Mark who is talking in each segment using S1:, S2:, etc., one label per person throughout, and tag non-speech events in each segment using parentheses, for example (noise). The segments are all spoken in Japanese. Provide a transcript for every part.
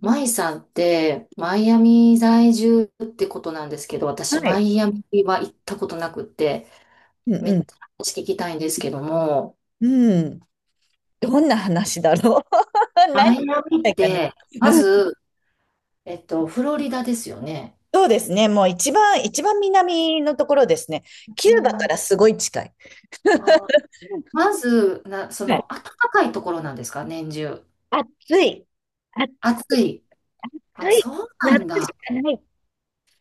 S1: マイさんって、マイアミ在住ってことなんですけど、
S2: は
S1: 私、マ
S2: い。
S1: イアミは行ったことなくって、
S2: うん
S1: め
S2: う
S1: っちゃ
S2: ん。
S1: 話聞きたいんですけども、
S2: うん。どんな話だろう。 (laughs)
S1: マ
S2: 何
S1: イアミ
S2: た
S1: っ
S2: いかな。
S1: て、ま
S2: うん。
S1: ず、フロリダですよね。
S2: そうですね。もう一番、南のところですね。キ
S1: う
S2: ューバか
S1: ん、
S2: らすごい近い。
S1: あー、まず、そ
S2: はい。
S1: の、暖かいところなんですか、年中。
S2: 暑い。暑
S1: 暑い。あ、
S2: い。
S1: そうな
S2: 夏
S1: ん
S2: し
S1: だ。
S2: かない。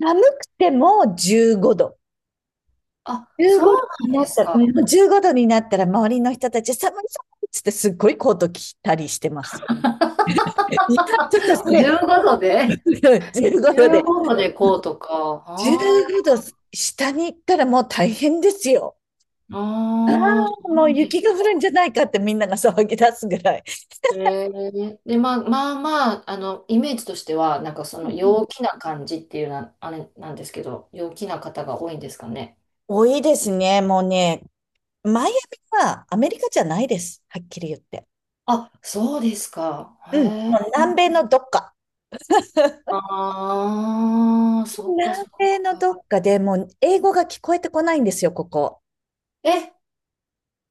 S2: 寒くても15度。
S1: あ、
S2: 15
S1: そ
S2: 度
S1: う
S2: に
S1: なん
S2: な
S1: で
S2: っ
S1: す
S2: たら、も
S1: か。
S2: うもう15度になったら周りの人たち寒い寒いっつってすっごいコート着たりしてます。(laughs) いや、ちょっと
S1: (laughs)
S2: それ、
S1: 15度で
S2: (laughs) 15度で。
S1: ?15度でこうとか。あ
S2: 15
S1: ー
S2: 度下に行ったらもう大変ですよ。ああ、もう
S1: そうで
S2: 雪
S1: す。
S2: が降るんじゃないかってみんなが騒ぎ出すぐらい。
S1: で、まあ、まあまあ、あの、イメージとしては、なんかその陽気な感じっていうな、あれなんですけど、陽気な方が多いんですかね。
S2: 多いですね、もうね。マイアミはアメリカじゃないです。はっきり言って。
S1: あ、そうですか。
S2: うん。
S1: へえ。
S2: もう南米のどっか。
S1: ああ、そっか
S2: 南
S1: そっ
S2: 米の
S1: か。
S2: どっかでもう英語が聞こえてこないんですよ、ここ。
S1: え、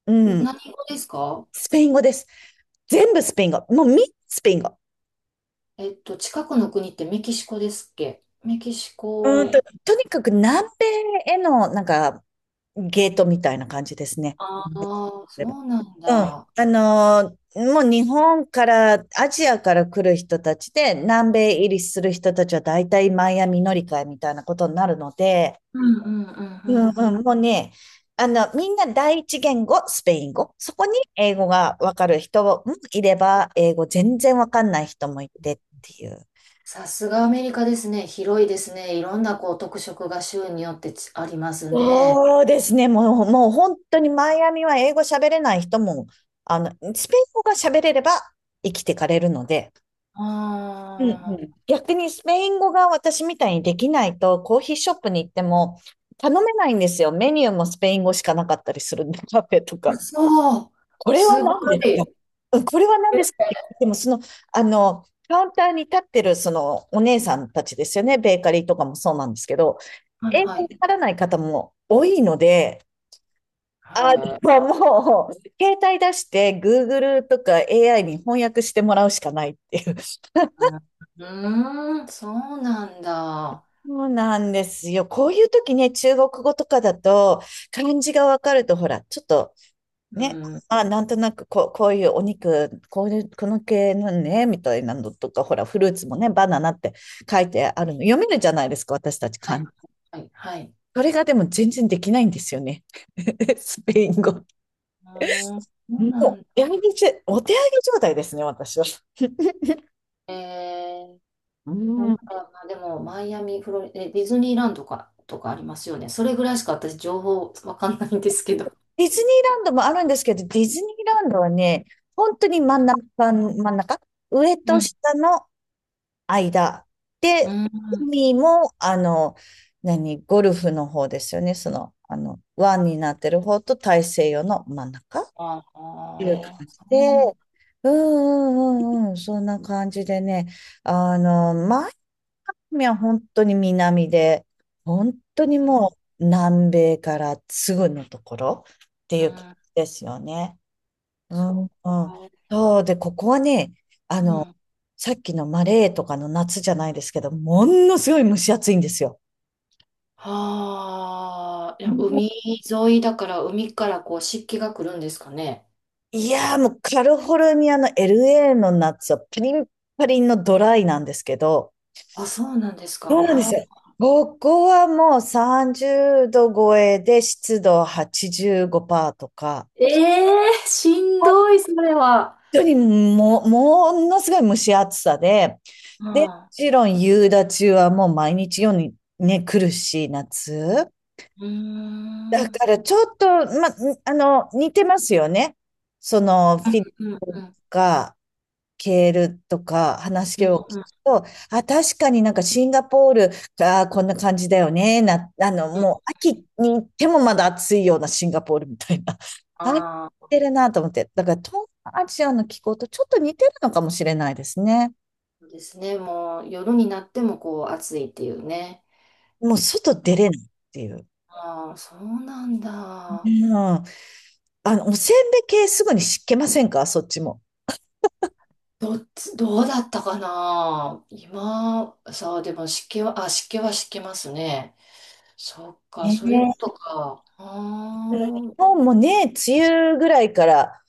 S2: うん。
S1: 何語ですか？
S2: スペイン語です。全部スペイン語。もうみんなスペイン語。
S1: 近くの国ってメキシコですっけ、メキシ
S2: うんと、
S1: コ。
S2: とにかく南米へのなんかゲートみたいな感じですね。
S1: あ
S2: うん。
S1: あ、そうなんだ。
S2: もう日本から、アジアから来る人たちで、南米入りする人たちは大体マイアミ乗り換えみたいなことになるので、
S1: うんうんうんうん
S2: う
S1: うん。
S2: んうん、もうね、あの、みんな第一言語、スペイン語。そこに英語がわかる人もいれば、英語全然わかんない人もいてっていう。
S1: さすがアメリカですね。広いですね。いろんなこう特色が州によってありますね。
S2: そうですね。もう本当にマイアミは英語喋れない人も、あの、スペイン語が喋れれば生きてかれるので、うんう
S1: あ
S2: ん、逆にスペイン語が私みたいにできないと、コーヒーショップに行っても頼めないんですよ。メニューもスペイン語しかなかったりするんで、(laughs) カフェと
S1: あ、
S2: か。
S1: そう、
S2: これは
S1: すご
S2: 何ですか、
S1: い。
S2: うん、これは何ですかって言っても、その、あの、カウンターに立ってる、その、お姉さんたちですよね。ベーカリーとかもそうなんですけど、
S1: はい
S2: 英
S1: は
S2: 語わ
S1: い。
S2: からない方も多いので、
S1: へ
S2: あ、で
S1: え、
S2: ももう、携帯出して Google とか AI に翻訳してもらうしかないっていう。
S1: うーん、そうなんだ。
S2: そうなんですよ。こういう時ね、中国語とかだと、漢字がわかると、ほら、ちょっと
S1: う
S2: ね、
S1: ん、は
S2: あ、なんとなくこう、こういうお肉、こういう、この系のね、みたいなのとか、ほら、フルーツもね、バナナって書いてあるの。読めるじゃないですか、私たち
S1: い
S2: 漢字。
S1: はいはい。
S2: それがでも全然できないんですよね。(laughs) スペイン語。
S1: うーん、そうな
S2: も
S1: ん
S2: う、や
S1: だ。
S2: めて、お手上げ状態ですね、私は。
S1: えー、
S2: う
S1: まあなん
S2: ん、
S1: か、まあ、でも、マイアミ、フロリ、え、ディズニーランドか、とかありますよね。それぐらいしか私、情報わかんないんですけど。
S2: ディズニーランドもあるんですけど、ディズニーランドはね、本当に真ん中、真ん中、上
S1: う
S2: と
S1: ん、
S2: 下の間。
S1: う
S2: で、
S1: ん。
S2: 海も、あの、何、ゴルフの方ですよね。その、あの、湾になってる方と大西洋の真ん中っ
S1: あ
S2: ていう感
S1: あ、そ
S2: じ
S1: う
S2: で、
S1: なんだ。
S2: うんうんうんうん、そんな感じでね、あの、前ミは本当に南で、本当にもう南米からすぐのところってい
S1: う
S2: う感
S1: ん、
S2: じですよね。う
S1: そ
S2: ん、うん。
S1: うか。
S2: そうで、ここはね、あ
S1: う
S2: の、
S1: ん。
S2: さっきのマレーとかの夏じゃないですけど、ものすごい蒸し暑いんですよ。
S1: はあ、いや、
S2: も
S1: 海沿いだから海からこう湿気が来るんですかね。
S2: う、いやー、もうカリフォルニアの LA の夏はパリンパリンのドライなんですけど、
S1: あ、そうなんです
S2: そ
S1: か。
S2: うなんで
S1: は
S2: す
S1: あ、
S2: よ。ここはもう30度超えで湿度85%とか、
S1: ええー、しんどい、それは。
S2: 当にも、ものすごい蒸し暑さで、で、も
S1: はあ、
S2: ちろん夕立はもう毎日ようにね、来るし、夏。
S1: うーん。う
S2: だか
S1: ん
S2: らちょっと、ま、あの、似てますよね。その、フィリピン
S1: うんうん
S2: か、ケールとか
S1: う
S2: 話
S1: ん
S2: を聞く
S1: うん
S2: と、あ、確かになんかシンガポールがこんな感じだよね。な、あの、
S1: うん。
S2: もう秋に行ってもまだ暑いようなシンガポールみたいな。(laughs) あ、似
S1: ああ、
S2: てるなと思って。だから東南アジアの気候とちょっと似てるのかもしれないですね。
S1: そうですね。もう夜になってもこう暑いっていうね。
S2: もう外出れないっていう。
S1: ああ、そうなん
S2: う
S1: だ。
S2: ん。あの、おせんべい系すぐに湿気ませんか、そっちも。
S1: どうだったかな。今、さあ、でも湿気は、湿気ますね。そっか、
S2: ね
S1: そ
S2: え。
S1: ういう
S2: う
S1: こ
S2: ん、
S1: とか。
S2: 日本もね、梅雨ぐらいから、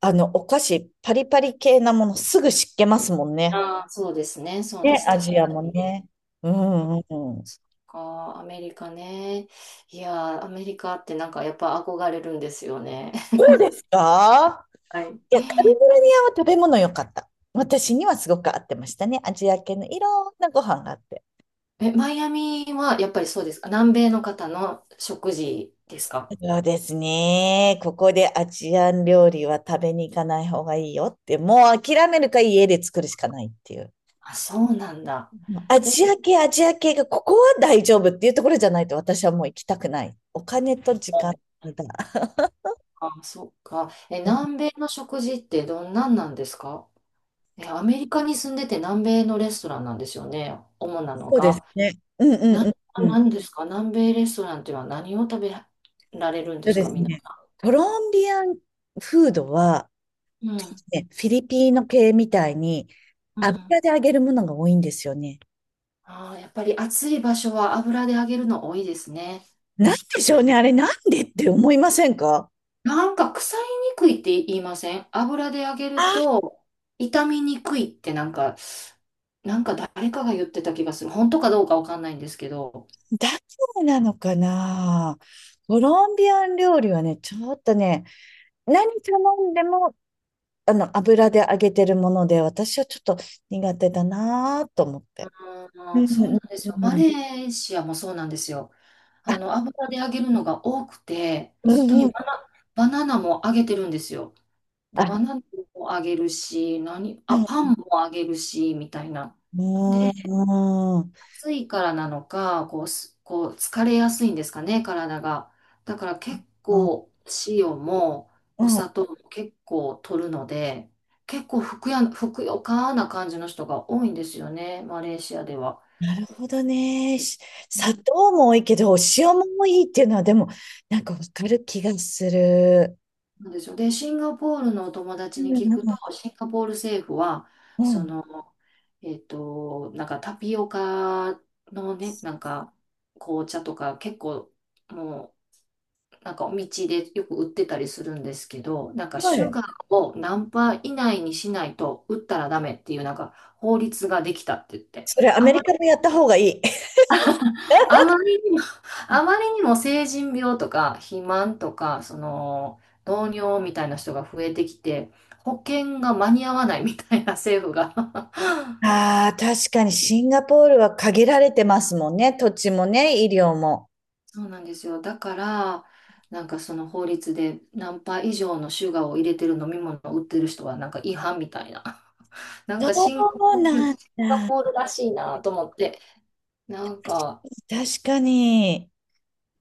S2: あの、お菓子、パリパリ系なものすぐ湿気ますもんね。
S1: そうですね、そうで
S2: ね、
S1: す。
S2: ア
S1: 確
S2: ジア
S1: か
S2: も
S1: に。
S2: ね。うんうんうん。
S1: そっか、アメリカね。いやー、アメリカってなんかやっぱ憧れるんですよね。
S2: ど
S1: (laughs)
S2: うですか？
S1: は
S2: いや、カリフ
S1: い。
S2: ォルニアは食べ物良かった。私にはすごく合ってましたね。アジア系のいろんなご飯があって。
S1: え、マイアミはやっぱりそうですか。南米の方の食事ですか。
S2: そうですね。ここでアジアン料理は食べに行かない方がいいよって、もう諦めるか家で作るしかないっていう。
S1: あ、そうなんだ。
S2: ア
S1: え、うん、
S2: ジア系、アジア系がここは大丈夫っていうところじゃないと私はもう行きたくない。お金と時間だ。
S1: あ、そっか。え、
S2: うん、
S1: 南米の食事ってどんなんなんですか？え、アメリカに住んでて南米のレストランなんですよね。主なの
S2: そうです
S1: が。
S2: ね。うんうん
S1: な、
S2: うんうん。
S1: なんですか南米レストランっていうのは、何を食べられるん
S2: そ
S1: で
S2: う
S1: す
S2: で
S1: か、
S2: す
S1: みんな？
S2: ね。コロンビアンフードは、
S1: う
S2: ちょっと
S1: ん。
S2: ね、フィリピーノ系みたいに
S1: うん。
S2: 油で揚げるものが多いんですよね。
S1: ああ、やっぱり暑い場所は油で揚げるの多いですね。
S2: なんでしょうね、あれなんでって思いませんか？
S1: なんか腐りにくいって言いません？油で揚げる
S2: あ、
S1: と傷みにくいってなんか、誰かが言ってた気がする。本当かどうかわかんないんですけど。
S2: だからなのかな。コロンビアン料理はね、ちょっとね、何頼んでも、あの、油で揚げてるもので、私はちょっと苦手だなと思って。う
S1: ああ、
S2: ん
S1: そう
S2: う
S1: な
S2: ん
S1: んですよ。マ
S2: うん。
S1: レーシアもそうなんですよ。
S2: あ、
S1: あの、油で揚げるのが多くて、
S2: う
S1: 本当
S2: んう
S1: に
S2: ん。
S1: バナナも揚げてるんですよ。で、
S2: あ、
S1: バナナもあげるし、
S2: うん。
S1: パンもあげるし、みたいな。で、
S2: うん。
S1: 暑いからなのか、こう疲れやすいんですかね、体が。だから結構、塩も
S2: う
S1: お
S2: ん、
S1: 砂糖も結構取るので、結構ふくよかな感じの人が多いんですよね、マレーシアでは。
S2: なるほどね。し
S1: う
S2: 砂
S1: ん、
S2: 糖も多いけど、お塩も多いっていうのは、でも、なんかわかる気がする。
S1: なんですよ。で、シンガポールのお友
S2: う
S1: 達
S2: ん
S1: に聞くと、
S2: う
S1: シンガポール政府は、
S2: んう
S1: そ
S2: ん。
S1: の、なんかタピオカのね、なんか紅茶とか結構もう、なんかお道でよく売ってたりするんですけど、なんか
S2: は
S1: シュ
S2: い。
S1: ガーを何パー以内にしないと売ったらダメっていうなんか法律ができたって言って、
S2: それ、ア
S1: あ
S2: メ
S1: ま
S2: リカもやった方がいい。(laughs)
S1: あまりにも、あまりにも成人病とか肥満とか、その、糖尿みたいな人が増えてきて、保険が間に合わないみたいな政府が。 (laughs)
S2: ああ、確かにシンガポールは限られてますもんね。土地もね、医療も。
S1: そうなんですよ。だから、なんかその法律で何パー以上のシュガーを入れてる飲み物を売ってる人はなんか違反みたいな。なんか
S2: そうなん
S1: シンガ
S2: だ。
S1: ポールらしいなと思って、なんか、
S2: 確かに、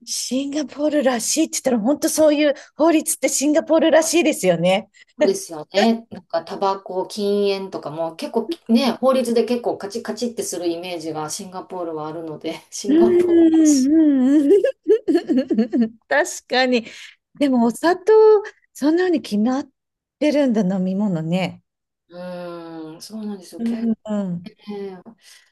S2: シンガポールらしいって言ったら、本当そういう法律ってシンガポールらしいですよね。
S1: そうですよね。なんか、タバコ、禁煙とかも結構ね、法律で結構カチッカチってするイメージがシンガポールはあるので、(laughs) シ
S2: うん
S1: ンガポールだ
S2: う
S1: し。
S2: んうん。 (laughs) 確かに。で
S1: う
S2: もお砂糖、そんなに決まってるんだ、飲み物ね。
S1: ーん、そうなんですよ。
S2: うんうん
S1: ね、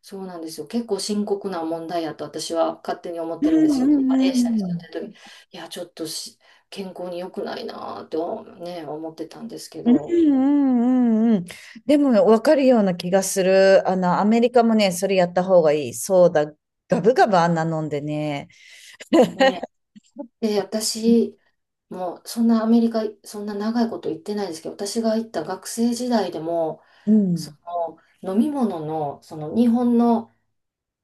S1: そうなんですよ。結構深刻な問題やと私は勝手に思っ
S2: う
S1: てるんで
S2: ん
S1: すよ。マレ
S2: う
S1: ーシアに
S2: んう
S1: 住
S2: ん
S1: んでる時、いや、ちょっと健康に良くないなぁとね、思ってたんですけ
S2: う
S1: ど、
S2: んうんうん。でも分かるような気がする。あの、アメリカもね、それやった方がいい。そうだ、ガブガブあんな飲んでね。
S1: ね。で、私、もうそんなアメリカ、そんな長いこと行ってないですけど、私が行った学生時代でも、
S2: う
S1: そ
S2: ん。
S1: の飲み物の、その日本の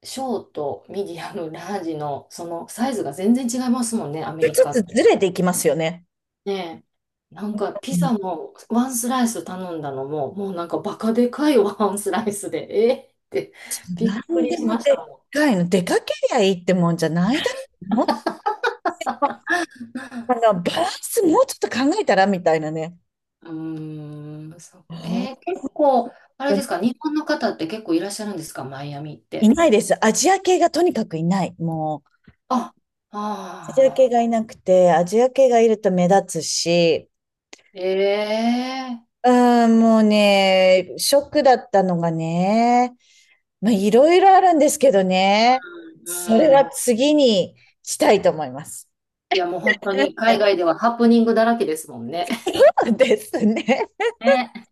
S1: ショート、ミディアム、ラージのそのサイズが全然違いますもんね、アメ
S2: ち
S1: リ
S2: ょっ
S1: カ
S2: と
S1: っ
S2: ず
S1: て。
S2: れていきますよね。
S1: ねえ、なんかピ
S2: う
S1: ザ
S2: ん、
S1: もワンスライス頼んだのも、もうなんかバカでかいワンスライスで、(laughs) えーってび
S2: な
S1: っく
S2: ん
S1: り
S2: で
S1: し
S2: も
S1: まし
S2: でっ
S1: たもん。
S2: かいの。出かけりゃいいってもんじゃないだろう。あの、バランスもうちょっと考えたらみたいなね。
S1: うーん、そう。
S2: 本
S1: 結構、あれ
S2: 当
S1: で
S2: に
S1: すか、日本の方って結構いらっしゃるんですか、マイアミっ
S2: い
S1: て。
S2: ないです。アジア系がとにかくいない。もう、
S1: あ、
S2: アジア系
S1: あ
S2: が
S1: あ、
S2: いなくて、アジア系がいると目立つし、
S1: ええ、
S2: うーん、もうね、ショックだったのがね、まあ、いろいろあるんですけどね、そ
S1: う
S2: れ
S1: ん。
S2: は次にしたいと思います。
S1: いや、もう本当に海外ではハプニングだらけですもんね。
S2: そうですね。
S1: ね